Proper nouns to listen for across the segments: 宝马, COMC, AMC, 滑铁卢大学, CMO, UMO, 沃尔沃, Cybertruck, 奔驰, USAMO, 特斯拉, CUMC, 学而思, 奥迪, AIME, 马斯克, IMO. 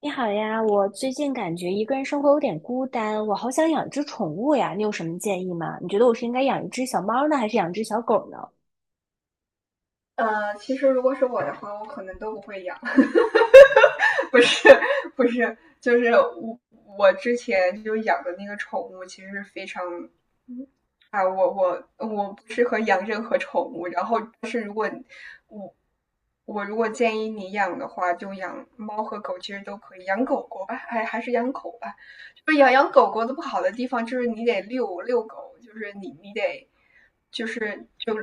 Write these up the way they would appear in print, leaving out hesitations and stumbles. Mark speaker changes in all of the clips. Speaker 1: 你好呀，我最近感觉一个人生活有点孤单，我好想养只宠物呀，你有什么建议吗？你觉得我是应该养一只小猫呢，还是养只小狗呢？
Speaker 2: 其实如果是我的话，我可能都不会养，不是不是，就是我之前就养的那个宠物，其实是非常啊，我不适合养任何宠物，然后但是如果我我如果建议你养的话，就养猫和狗，其实都可以，养狗狗吧，还是养狗吧，就是养狗狗的不好的地方就是你得遛遛狗，就是你得就是就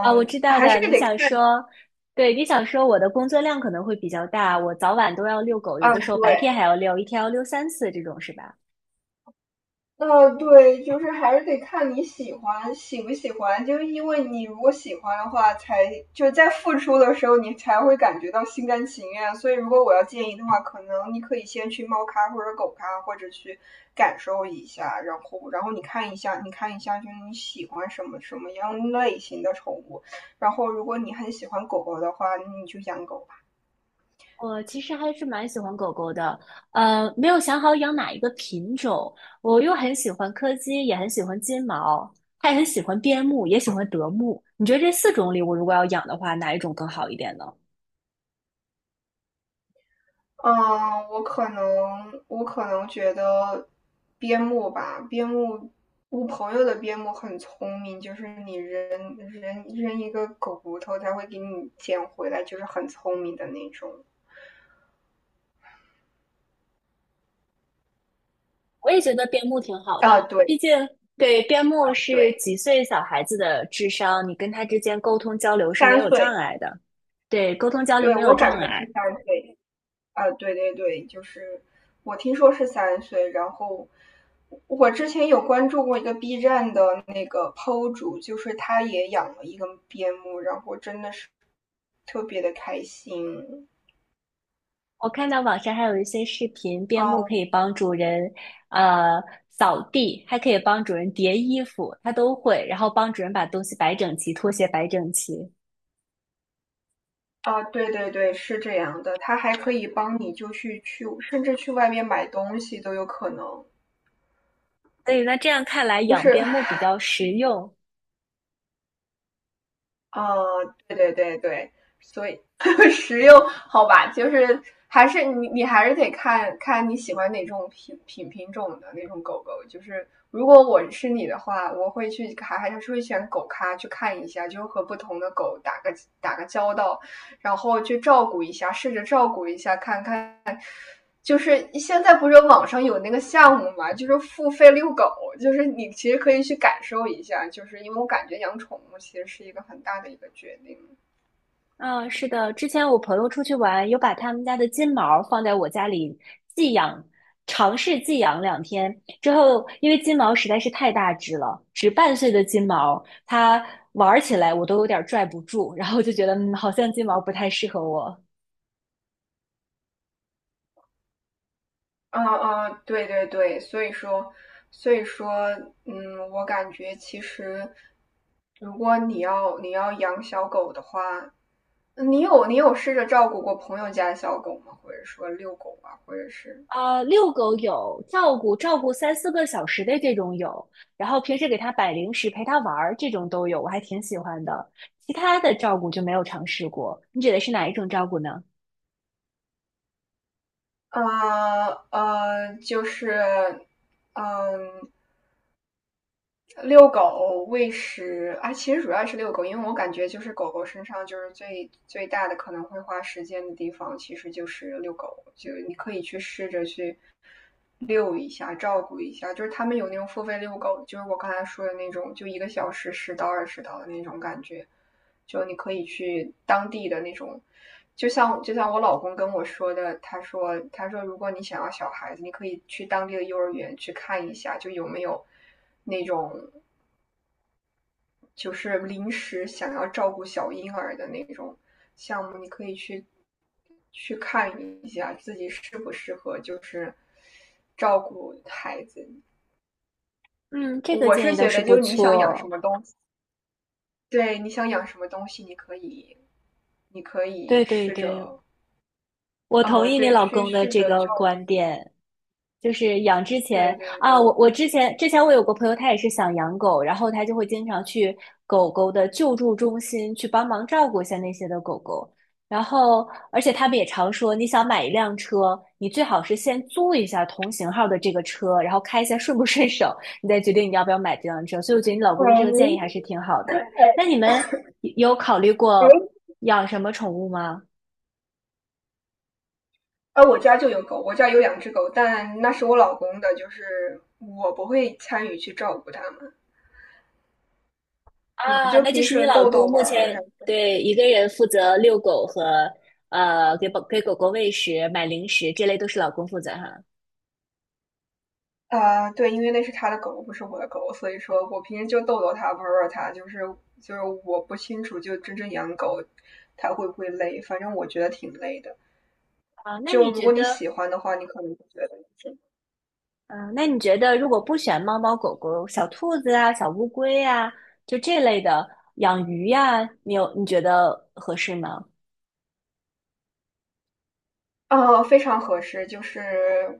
Speaker 1: 啊，我知道
Speaker 2: 还是
Speaker 1: 的，你
Speaker 2: 得
Speaker 1: 想
Speaker 2: 看你
Speaker 1: 说，对，你想说我的工作量可能会比较大，我早晚都要遛狗，有
Speaker 2: 啊，
Speaker 1: 的时候白
Speaker 2: 对。
Speaker 1: 天还要遛，一天要遛3次这种是吧？
Speaker 2: 对，就是还是得看你喜欢喜不喜欢，就是因为你如果喜欢的话，才就是在付出的时候，你才会感觉到心甘情愿。所以，如果我要建议的话，可能你可以先去猫咖或者狗咖，或者去感受一下，然后你看一下，你看一下，就是你喜欢什么什么样类型的宠物。然后，如果你很喜欢狗狗的话，你就养狗。
Speaker 1: 我其实还是蛮喜欢狗狗的，没有想好养哪一个品种。我又很喜欢柯基，也很喜欢金毛，还很喜欢边牧，也喜欢德牧。你觉得这四种里，我如果要养的话，哪一种更好一点呢？
Speaker 2: 嗯，我可能觉得边牧吧，边牧，我朋友的边牧很聪明，就是你扔一个狗骨头，它会给你捡回来，就是很聪明的那种。
Speaker 1: 我也觉得边牧挺好的，
Speaker 2: 啊，对
Speaker 1: 毕竟对边牧是
Speaker 2: 对，
Speaker 1: 几岁小孩子的智商，你跟他之间沟通交流是没
Speaker 2: 三
Speaker 1: 有障
Speaker 2: 岁，
Speaker 1: 碍的。对，沟通交流
Speaker 2: 对
Speaker 1: 没有
Speaker 2: 我感
Speaker 1: 障
Speaker 2: 觉是
Speaker 1: 碍。
Speaker 2: 三岁。啊，对对对，就是我听说是三岁，然后我之前有关注过一个 B 站的那个 PO 主，就是他也养了一个边牧，然后真的是特别的开心。
Speaker 1: 我看到网上还有一些视频，边牧
Speaker 2: 啊
Speaker 1: 可以帮主人，呃，扫地，还可以帮主人叠衣服，它都会，然后帮主人把东西摆整齐，拖鞋摆整齐。
Speaker 2: 啊，对对对，是这样的，他还可以帮你就去，甚至去外面买东西都有可能，
Speaker 1: 所以呢，这样看来
Speaker 2: 就
Speaker 1: 养
Speaker 2: 是
Speaker 1: 边牧比较实用，
Speaker 2: 哦，对对对对，所以 实用好吧，就是还是你还是得看看你喜欢哪种品种的那种狗狗。就是如果我是你的话，我会去还是会选狗咖去看一下，就和不同的狗打个打个交道，然后去照顾一下，试着照顾一下，看看就是现在不是网上有那个项目嘛，就是付费遛狗，就是你其实可以去感受一下，就是因为我感觉养宠物其实是一个很大的一个决定。
Speaker 1: 嗯，是的，之前我朋友出去玩，有把他们家的金毛放在我家里寄养，尝试寄养2天之后，因为金毛实在是太大只了，只半岁的金毛，它玩起来我都有点儿拽不住，然后就觉得，嗯，好像金毛不太适合我。
Speaker 2: 嗯嗯，对对对，所以说，所以说，嗯，我感觉其实，如果你要养小狗的话，你有试着照顾过朋友家的小狗吗？或者说遛狗啊，或者是，
Speaker 1: 啊，遛狗有，照顾照顾3、4个小时的这种有，然后平时给它摆零食、陪它玩儿这种都有，我还挺喜欢的。其他的照顾就没有尝试过，你指的是哪一种照顾呢？
Speaker 2: 呃就是，嗯。遛狗喂食啊，其实主要是遛狗，因为我感觉就是狗狗身上就是最大的可能会花时间的地方，其实就是遛狗，就你可以去试着去遛一下，照顾一下。就是他们有那种付费遛狗，就是我刚才说的那种，就1个小时10到20刀的那种感觉，就你可以去当地的那种。就像我老公跟我说的，他说如果你想要小孩子，你可以去当地的幼儿园去看一下，就有没有那种就是临时想要照顾小婴儿的那种项目，你可以去看一下自己适不适合，就是照顾孩子。
Speaker 1: 嗯，这个
Speaker 2: 我
Speaker 1: 建
Speaker 2: 是
Speaker 1: 议倒
Speaker 2: 觉
Speaker 1: 是
Speaker 2: 得，就
Speaker 1: 不
Speaker 2: 是你想养什
Speaker 1: 错。
Speaker 2: 么东西，对，你想养什么东西，你可以，你可以
Speaker 1: 对对
Speaker 2: 试
Speaker 1: 对，
Speaker 2: 着，
Speaker 1: 我同
Speaker 2: 啊，
Speaker 1: 意你
Speaker 2: 对，
Speaker 1: 老
Speaker 2: 去
Speaker 1: 公的
Speaker 2: 试
Speaker 1: 这
Speaker 2: 着
Speaker 1: 个
Speaker 2: 照顾。
Speaker 1: 观点，就是养之前
Speaker 2: 对对
Speaker 1: 啊，我
Speaker 2: 对，
Speaker 1: 我之前我有个朋友，他也是想养狗，然后他就会经常去狗狗的救助中心去帮忙照顾一下那些的狗狗，然后而且他们也常说，你想买一辆车，你最好是先租一下同型号的这个车，然后开一下顺不顺手，你再决定你要不要买这辆车。所以我觉得你老公的这个建议还
Speaker 2: 喂，
Speaker 1: 是挺好的。那你们有考虑过养什么宠物吗？
Speaker 2: 哎，我家就有狗，我家有2只狗，但那是我老公的，就是我不会参与去照顾它们。我
Speaker 1: 啊，
Speaker 2: 就
Speaker 1: 那就
Speaker 2: 平
Speaker 1: 是你
Speaker 2: 时
Speaker 1: 老
Speaker 2: 逗逗
Speaker 1: 公
Speaker 2: 玩
Speaker 1: 目
Speaker 2: 儿，然
Speaker 1: 前对一个人负责遛狗和给狗狗喂食、买零食，这类都是老公负责哈。
Speaker 2: 对，因为那是他的狗，不是我的狗，所以说我平时就逗逗它，玩玩它，就是就是我不清楚，就真正养狗它会不会累，反正我觉得挺累的。
Speaker 1: 啊，那
Speaker 2: 就
Speaker 1: 你
Speaker 2: 如
Speaker 1: 觉
Speaker 2: 果你
Speaker 1: 得，
Speaker 2: 喜欢的话，你可能会觉得。
Speaker 1: 嗯、那你觉得如果不选猫猫狗狗、小兔子啊、小乌龟啊，就这类的养鱼呀、你有你觉得合适吗？
Speaker 2: 非常合适，就是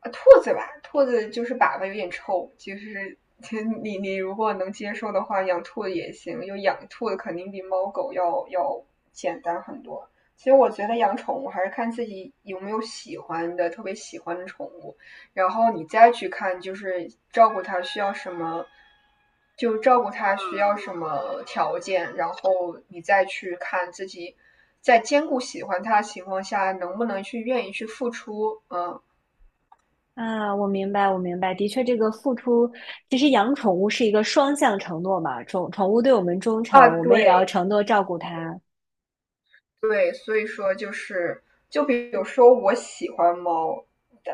Speaker 2: 兔子吧，兔子就是粑粑有点臭，就是 你如果能接受的话，养兔子也行，有养兔子肯定比猫狗要简单很多。其实我觉得养宠物还是看自己有没有喜欢的，特别喜欢的宠物。然后你再去看，就是照顾他需要什么，就照顾他需要什么条件，然后你再去看自己在兼顾喜欢他的情况下，能不能去愿意去付出。嗯
Speaker 1: 啊，我明白，我明白，的确，这个付出，其实养宠物是一个双向承诺嘛，宠物对我们忠
Speaker 2: 啊，
Speaker 1: 诚，我们
Speaker 2: 对，
Speaker 1: 也要承诺照顾它。
Speaker 2: 对，所以说就是，就比如说我喜欢猫，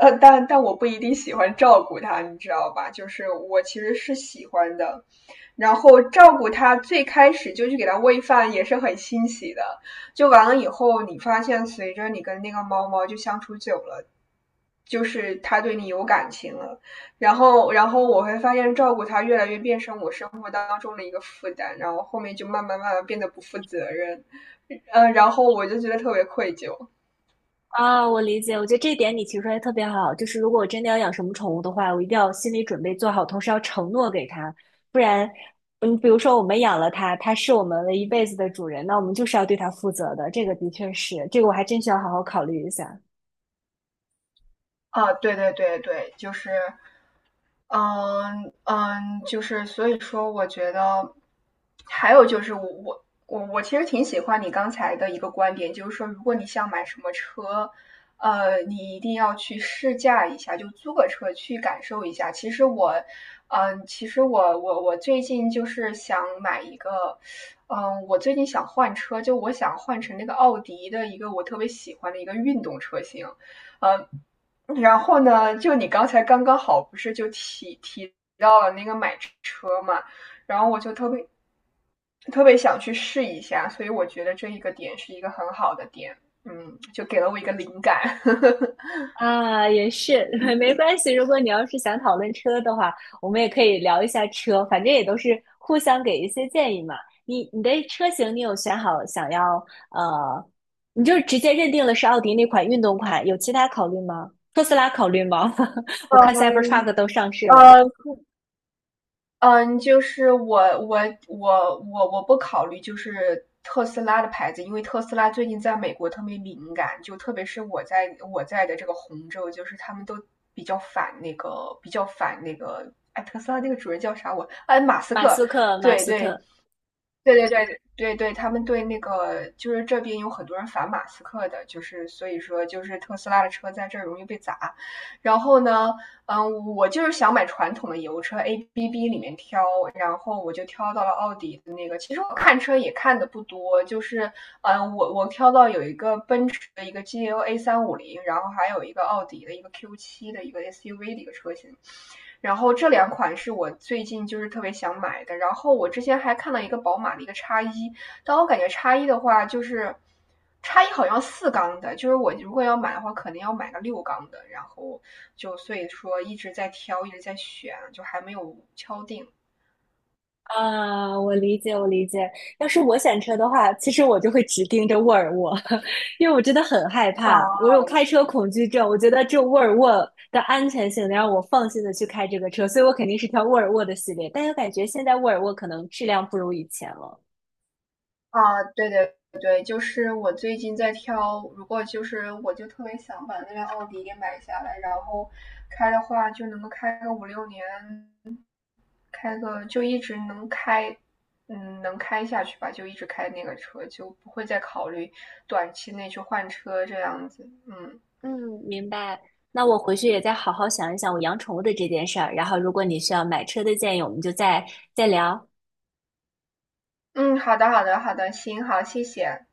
Speaker 2: 但但我不一定喜欢照顾它，你知道吧？就是我其实是喜欢的，然后照顾它，最开始就去给它喂饭也是很欣喜的，就完了以后，你发现随着你跟那个猫猫就相处久了。就是它对你有感情了，然后，然后我会发现照顾它越来越变成我生活当中的一个负担，然后后面就慢慢变得不负责任，嗯，然后我就觉得特别愧疚。
Speaker 1: 啊，我理解，我觉得这一点你提出来特别好，就是如果我真的要养什么宠物的话，我一定要心理准备做好，同时要承诺给它，不然，嗯，比如说我们养了它，它是我们的一辈子的主人，那我们就是要对它负责的，这个的确是，这个我还真需要好好考虑一下。
Speaker 2: 啊，对对对对，就是，嗯嗯，就是所以说，我觉得还有就是我其实挺喜欢你刚才的一个观点，就是说，如果你想买什么车，你一定要去试驾一下，就租个车去感受一下。其实我，嗯，其实我最近就是想买一个，嗯，我最近想换车，就我想换成那个奥迪的一个我特别喜欢的一个运动车型。呃，然后呢，就你刚才刚刚好不是就提到了那个买车嘛，然后我就特别想去试一下，所以我觉得这一个点是一个很好的点，嗯，就给了我一个灵感。
Speaker 1: 啊，也是，没关系。如果你要是想讨论车的话，我们也可以聊一下车，反正也都是互相给一些建议嘛。你的车型你有选好想要呃，你就直接认定了是奥迪那款运动款，有其他考虑吗？特斯拉考虑吗？我看 Cybertruck 都上市 了，
Speaker 2: 呃，嗯，就是我我不考虑就是特斯拉的牌子，因为特斯拉最近在美国特别敏感，就特别是我在的这个红州，就是他们都比较反那个比较反那个，哎，特斯拉那个主人叫啥我？哎，马斯
Speaker 1: 马
Speaker 2: 克，
Speaker 1: 斯克，马
Speaker 2: 对
Speaker 1: 斯
Speaker 2: 对，
Speaker 1: 克，
Speaker 2: 对对对对对，他们对那个就是这边有很多人反马斯克的，就是所以说就是特斯拉的车在这儿容易被砸。然后呢，嗯，我就是想买传统的油车，ABB 里面挑，然后我就挑到了奥迪的那个。其实我看车也看的不多，就是嗯，我挑到有一个奔驰的一个 GLA 350，然后还有一个奥迪的一个 Q7的一个 SUV 的一个车型。然后这两款是我最近就是特别想买的。然后我之前还看到一个宝马的一个叉一，但我感觉叉一的话就是叉一好像四缸的，就是我如果要买的话，可能要买个六缸的。然后就所以说一直在挑，一直在选，就还没有敲定。
Speaker 1: 啊，我理解，我理解。要是我选车的话，其实我就会只盯着沃尔沃，因为我真的很害怕，我
Speaker 2: 啊
Speaker 1: 有开车恐惧症。我觉得这沃尔沃的安全性能让我放心的去开这个车，所以我肯定是挑沃尔沃的系列。但又感觉现在沃尔沃可能质量不如以前了。
Speaker 2: 啊，对对对，就是我最近在挑，如果就是我就特别想把那辆奥迪给买下来，然后开的话就能够开个5、6年，开个就一直能开，嗯，能开下去吧，就一直开那个车，就不会再考虑短期内去换车这样子。嗯
Speaker 1: 嗯，明白。那我回去也再好好想一想我养宠物的这件事儿，然后如果你需要买车的建议，我们就再聊。
Speaker 2: 嗯，好的，好的，好的，行，好，谢谢。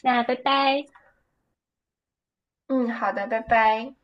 Speaker 1: 那拜拜。
Speaker 2: 嗯，好的，拜拜。